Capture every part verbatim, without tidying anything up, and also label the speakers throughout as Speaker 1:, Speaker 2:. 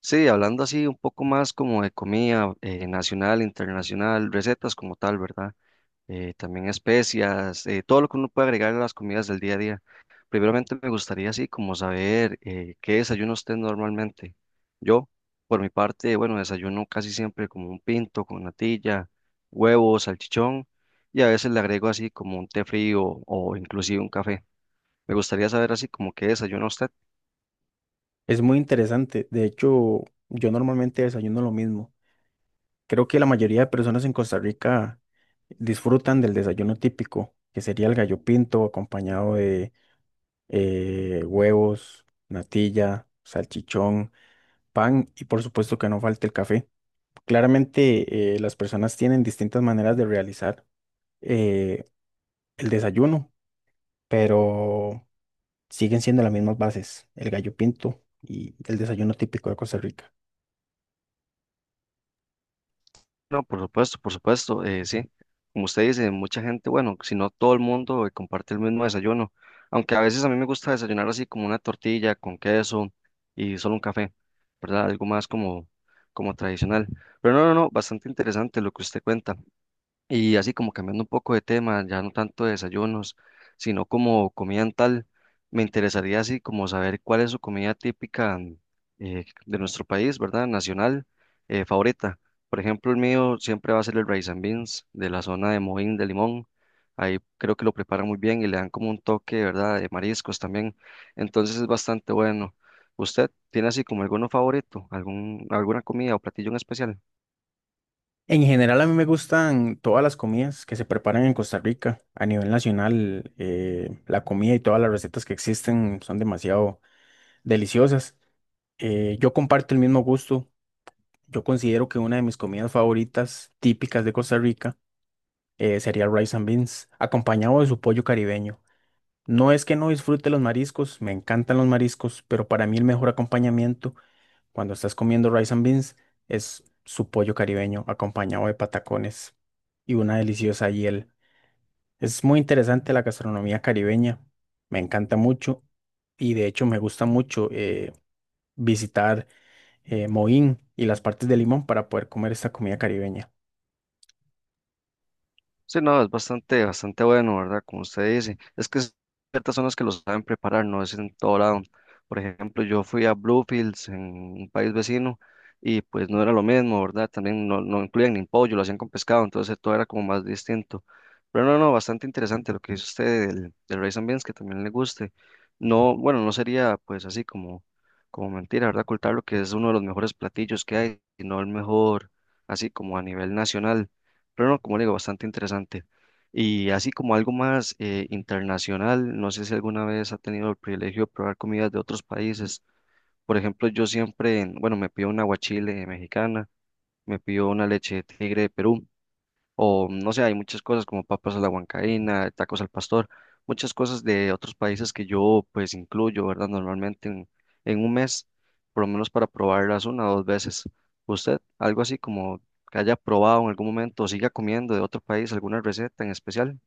Speaker 1: Sí, hablando así un poco más como de comida eh, nacional, internacional, recetas como tal, ¿verdad? Eh, también especias, eh, todo lo que uno puede agregar a las comidas del día a día. Primeramente me gustaría así como saber eh, qué desayuno usted normalmente. Yo, por mi parte, bueno, desayuno casi siempre como un pinto con natilla, huevo, salchichón y a veces le agrego así como un té frío o inclusive un café. Me gustaría saber así como qué desayuna usted.
Speaker 2: Es muy interesante. De hecho, yo normalmente desayuno lo mismo. Creo que la mayoría de personas en Costa Rica disfrutan del desayuno típico, que sería el gallo pinto acompañado de eh, huevos, natilla, salchichón, pan y por supuesto que no falte el café. Claramente eh, las personas tienen distintas maneras de realizar eh, el desayuno, pero siguen siendo las mismas bases, el gallo pinto y el desayuno típico de Costa Rica.
Speaker 1: No, por supuesto, por supuesto, eh, sí. Como usted dice, mucha gente, bueno, si no todo el mundo eh, comparte el mismo desayuno, aunque a veces a mí me gusta desayunar así como una tortilla con queso y solo un café, ¿verdad? Algo más como, como tradicional. Pero no, no, no, bastante interesante lo que usted cuenta. Y así como cambiando un poco de tema, ya no tanto de desayunos, sino como comida en tal, me interesaría así como saber cuál es su comida típica mm, eh, de nuestro país, ¿verdad? Nacional, eh, favorita. Por ejemplo, el mío siempre va a ser el rice and beans de la zona de Moín de Limón. Ahí creo que lo preparan muy bien y le dan como un toque, ¿verdad? De mariscos también. Entonces es bastante bueno. ¿Usted tiene así como alguno favorito, algún, alguna comida o platillo en especial?
Speaker 2: En general, a mí me gustan todas las comidas que se preparan en Costa Rica a nivel nacional. Eh, la comida y todas las recetas que existen son demasiado deliciosas. Eh, yo comparto el mismo gusto. Yo considero que una de mis comidas favoritas típicas de Costa Rica eh, sería el rice and beans, acompañado de su pollo caribeño. No es que no disfrute los mariscos, me encantan los mariscos, pero para mí el mejor acompañamiento cuando estás comiendo rice and beans, es su pollo caribeño acompañado de patacones y una deliciosa hiel. Es muy interesante la gastronomía caribeña, me encanta mucho y de hecho me gusta mucho eh, visitar eh, Moín y las partes de Limón para poder comer esta comida caribeña.
Speaker 1: Sí, no, es bastante, bastante bueno, ¿verdad? Como usted dice, es que es- ciertas zonas que lo saben preparar, no es en todo lado. Por ejemplo, yo fui a Bluefields en un país vecino y pues no era lo mismo, ¿verdad? También no, no incluían ni pollo, lo hacían con pescado, entonces todo era como más distinto. Pero no, no, bastante interesante lo que dice usted del, del rice and beans, que también le guste. No, bueno, no sería pues así como, como mentira, ¿verdad? Ocultar lo que es uno de los mejores platillos que hay, y no el mejor, así como a nivel nacional. Pero no, como le digo, bastante interesante. Y así como algo más eh, internacional, no sé si alguna vez ha tenido el privilegio de probar comidas de otros países. Por ejemplo, yo siempre, bueno, me pido una guachile mexicana, me pido una leche de tigre de Perú o no sé, hay muchas cosas como papas a la huancaína, tacos al pastor, muchas cosas de otros países que yo pues incluyo, ¿verdad? Normalmente en, en un mes, por lo menos para probarlas una o dos veces. ¿Usted algo así como que haya probado en algún momento o siga comiendo de otro país alguna receta en especial?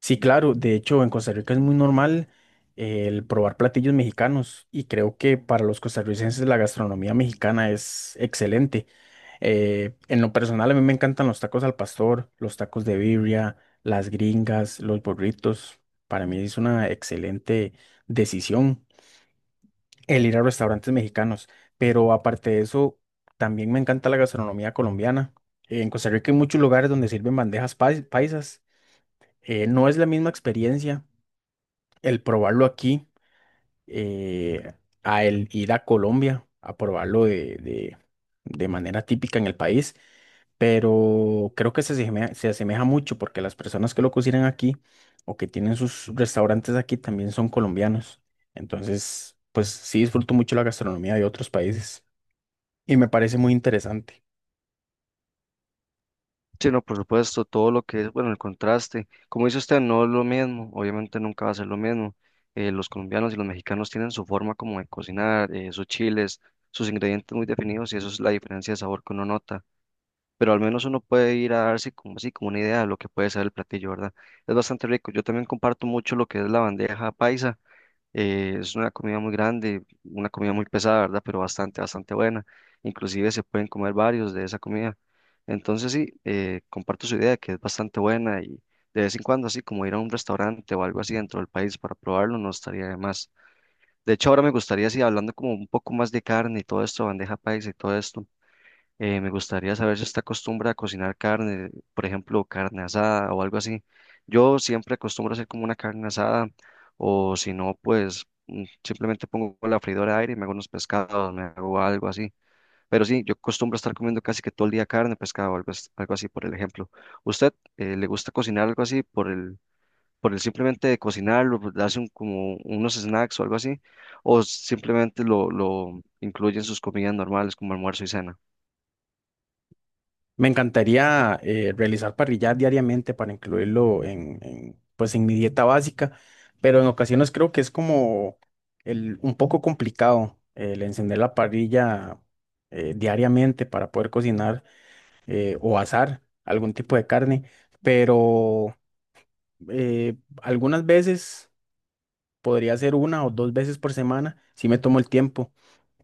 Speaker 2: Sí, claro. De hecho, en Costa Rica es muy normal eh, el probar platillos mexicanos y creo que para los costarricenses la gastronomía mexicana es excelente. Eh, en lo personal, a mí me encantan los tacos al pastor, los tacos de birria, las gringas, los burritos. Para mí es una excelente decisión el ir a restaurantes mexicanos. Pero aparte de eso, también me encanta la gastronomía colombiana. En Costa Rica hay muchos lugares donde sirven bandejas pais- paisas. Eh, no es la misma experiencia el probarlo aquí, eh, a el ir a Colombia a probarlo de, de, de manera típica en el país, pero creo que se asemeja, se asemeja mucho porque las personas que lo cocinan aquí o que tienen sus restaurantes aquí también son colombianos. Entonces, pues sí disfruto mucho la gastronomía de otros países y me parece muy interesante.
Speaker 1: Sí, no, por supuesto, todo lo que es, bueno, el contraste. Como dice usted, no es lo mismo, obviamente nunca va a ser lo mismo. Eh, los colombianos y los mexicanos tienen su forma como de cocinar, eh, sus chiles, sus ingredientes muy definidos y eso es la diferencia de sabor que uno nota. Pero al menos uno puede ir a darse como así, como una idea de lo que puede ser el platillo, ¿verdad? Es bastante rico. Yo también comparto mucho lo que es la bandeja paisa. Eh, es una comida muy grande, una comida muy pesada, ¿verdad? Pero bastante, bastante buena. Inclusive se pueden comer varios de esa comida. Entonces sí, eh, comparto su idea de que es bastante buena y de vez en cuando así como ir a un restaurante o algo así dentro del país para probarlo no estaría de más. De hecho, ahora me gustaría, así hablando como un poco más de carne y todo esto, bandeja paisa y todo esto. Eh, me gustaría saber si usted acostumbra a cocinar carne, por ejemplo, carne asada o algo así. Yo siempre acostumbro a hacer como una carne asada o si no, pues mm, simplemente pongo la freidora de aire y me hago unos pescados, me hago algo así. Pero sí, yo acostumbro a estar comiendo casi que todo el día carne, pescado, algo, as- algo así, por el ejemplo. ¿Usted eh, le gusta cocinar algo así por el, por el simplemente de cocinarlo, por darse un- como unos snacks o algo así? ¿O simplemente lo, lo incluye en sus comidas normales como almuerzo y cena?
Speaker 2: Me encantaría eh, realizar parrillas diariamente para incluirlo en, en, pues en mi dieta básica, pero en ocasiones creo que es como el, un poco complicado el encender la parrilla eh, diariamente para poder cocinar eh, o asar algún tipo de carne, pero eh, algunas veces podría ser una o dos veces por semana si me tomo el tiempo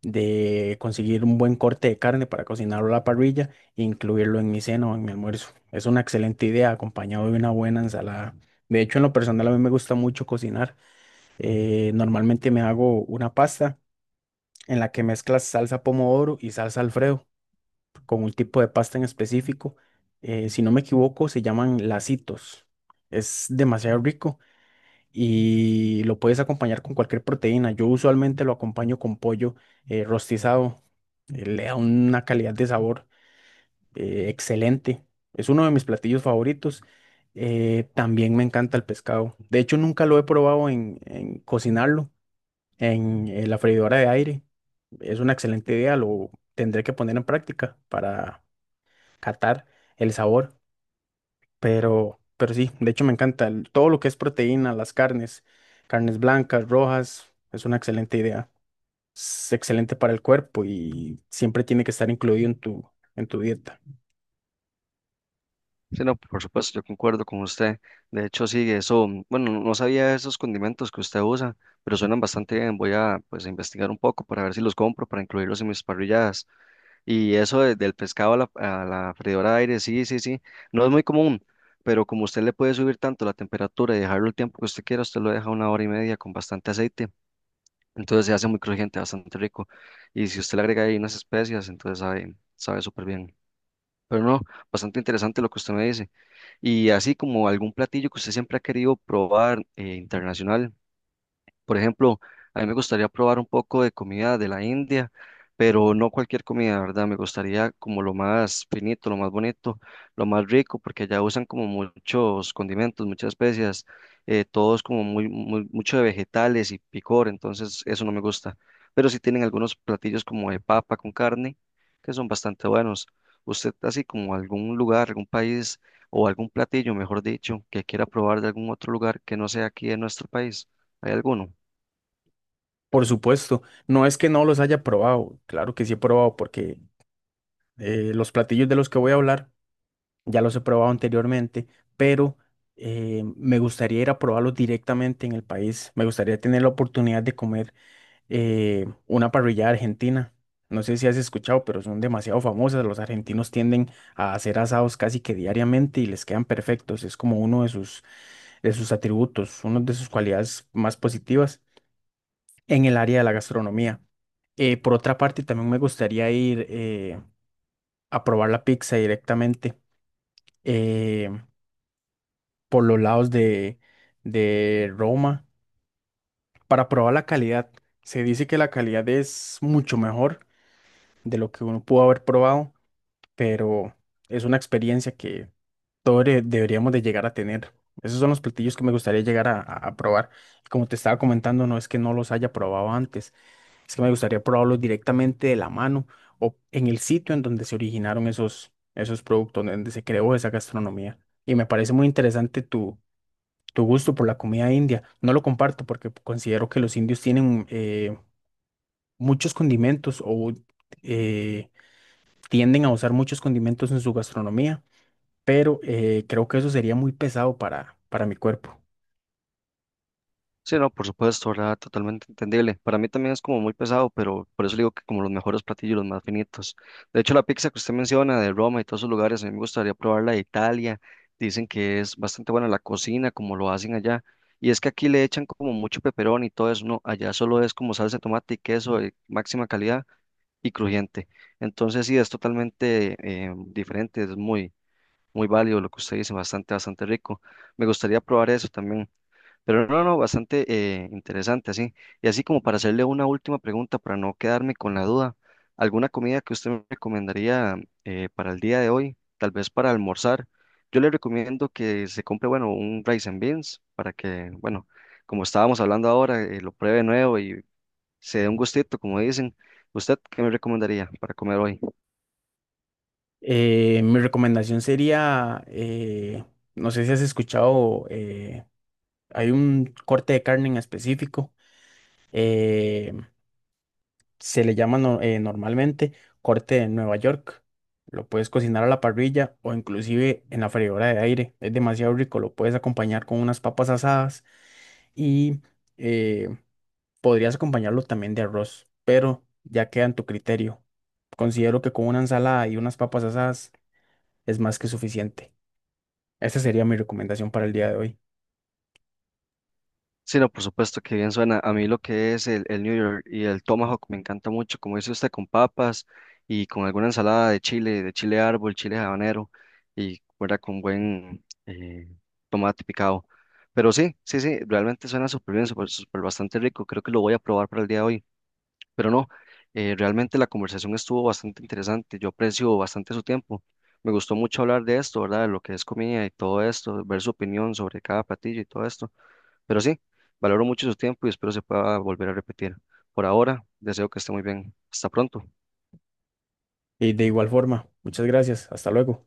Speaker 2: de conseguir un buen corte de carne para cocinarlo a la parrilla e incluirlo en mi cena o en mi almuerzo. Es una excelente idea, acompañado de una buena ensalada. De hecho, en lo personal a mí me gusta mucho cocinar. Eh, normalmente me hago una pasta en la que mezclas salsa pomodoro y salsa Alfredo con un tipo de pasta en específico. Eh, si no me equivoco, se llaman lacitos. Es demasiado rico y lo puedes acompañar con cualquier proteína. Yo usualmente lo acompaño con pollo eh, rostizado. Eh, le da una calidad de sabor eh, excelente. Es uno de mis platillos favoritos. Eh, también me encanta el pescado. De hecho, nunca lo he probado en, en cocinarlo en, eh, la freidora de aire. Es una excelente idea. Lo tendré que poner en práctica para catar el sabor. Pero, pero sí, de hecho me encanta el- todo lo que es proteína, las carnes, carnes blancas, rojas, es una excelente idea. Es excelente para el cuerpo y siempre tiene que estar incluido en tu, en tu dieta.
Speaker 1: Sí, no, por supuesto, yo concuerdo con usted. De hecho, sí, eso, mm, bueno, no no sabía esos condimentos que usted usa, pero suenan bastante bien. Voy a, pues, a investigar un poco para ver si los compro, para incluirlos en mis parrilladas. Y eso de- del pescado a la, a la freidora de aire, sí, sí, sí, no es muy común, pero como usted le puede subir tanto la temperatura y dejarlo el tiempo que usted quiera, usted lo deja una hora y media con bastante aceite. Entonces se hace muy crujiente, bastante rico. Y si usted le agrega ahí unas especias, entonces sabe, sabe súper bien. Pero no, bastante interesante lo que usted me dice. Y así como algún platillo que usted siempre ha querido probar eh, internacional. Por ejemplo, a mí me gustaría probar un poco de comida de la India, pero no cualquier comida, ¿verdad? Me gustaría como lo más finito, lo más bonito, lo más rico, porque allá usan como muchos condimentos, muchas especias, eh, todos como muy, muy- mucho de vegetales y picor, entonces eso no me gusta. Pero sí tienen algunos platillos como de papa con carne, que son bastante buenos. ¿Usted así como algún lugar, algún país o algún platillo, mejor dicho, que quiera probar de algún otro lugar que no sea aquí en nuestro país? ¿Hay alguno?
Speaker 2: Por supuesto, no es que no los haya probado, claro que sí he probado porque eh, los platillos de los que voy a hablar ya los he probado anteriormente, pero eh, me gustaría ir a probarlos directamente en el país. Me gustaría tener la oportunidad de comer eh, una parrillada argentina. No sé si has escuchado, pero son demasiado famosas. Los argentinos tienden a hacer asados casi que diariamente y les quedan perfectos. Es como uno de sus, de sus atributos, una de sus cualidades más positivas en el área de la gastronomía. Eh, por otra parte, también me gustaría ir eh, a probar la pizza directamente eh, por los lados de, de Roma para probar la calidad. Se dice que la calidad es mucho mejor de lo que uno pudo haber probado, pero es una experiencia que todos de- deberíamos de llegar a tener. Esos son los platillos que me gustaría llegar a, a- a probar. Como te estaba comentando, no es que no los haya probado antes, es que me gustaría probarlos directamente de la mano o en el sitio en donde se originaron esos, esos productos, donde se creó esa gastronomía. Y me parece muy interesante tu, tu gusto por la comida india. No lo comparto porque considero que los indios tienen eh, muchos condimentos o eh, tienden a usar muchos condimentos en su gastronomía, pero eh, creo que eso sería muy pesado para, para mi cuerpo.
Speaker 1: Sí, no, por supuesto, ¿verdad? Totalmente entendible. Para mí también es como muy pesado, pero por eso le digo que como los mejores platillos, los más finitos. De hecho, la pizza que usted menciona de Roma y todos esos lugares, a mí me gustaría probarla de Italia. Dicen que es bastante buena la cocina, como lo hacen allá. Y es que aquí le echan como mucho peperón y todo eso, ¿no? Allá solo es como salsa de tomate y queso de máxima calidad y crujiente. Entonces, sí, es totalmente eh, diferente, es muy, muy válido lo que usted dice, bastante, bastante rico. Me gustaría probar eso también. Pero no, no, bastante eh, interesante, así. Y así como para hacerle una última pregunta, para no quedarme con la duda, ¿alguna comida que usted me recomendaría eh, para el día de hoy? Tal vez para almorzar. Yo le recomiendo que se compre, bueno, un rice and beans para que, bueno, como estábamos hablando ahora, eh, lo pruebe nuevo y se dé un gustito, como dicen. ¿Usted qué me recomendaría para comer hoy?
Speaker 2: Eh, mi recomendación sería, eh, no sé si has escuchado, eh, hay un corte de carne en específico, eh, se le llama no- eh, normalmente corte de Nueva York. Lo puedes cocinar a la parrilla o inclusive en la freidora de aire. Es demasiado rico, lo puedes acompañar con unas papas asadas y eh, podrías acompañarlo también de arroz, pero ya queda en tu criterio. Considero que con una ensalada y unas papas asadas es más que suficiente. Esta sería mi recomendación para el día de hoy.
Speaker 1: Sí, no, por supuesto que bien suena. A mí lo que es el, el New York y el Tomahawk me encanta mucho, como dice usted, con papas y con alguna ensalada de chile, de chile árbol, chile habanero y fuera con buen eh, tomate picado. Pero sí, sí, sí, realmente suena súper bien, súper, súper bastante rico. Creo que lo voy a probar para el día de hoy. Pero no, eh, realmente la conversación estuvo bastante interesante. Yo aprecio bastante su tiempo. Me gustó mucho hablar de esto, ¿verdad? De lo que es comida y todo esto, ver su opinión sobre cada platillo y todo esto. Pero sí, valoro mucho su tiempo y espero se pueda volver a repetir. Por ahora, deseo que esté muy bien. Hasta pronto.
Speaker 2: Y de igual forma, muchas gracias. Hasta luego.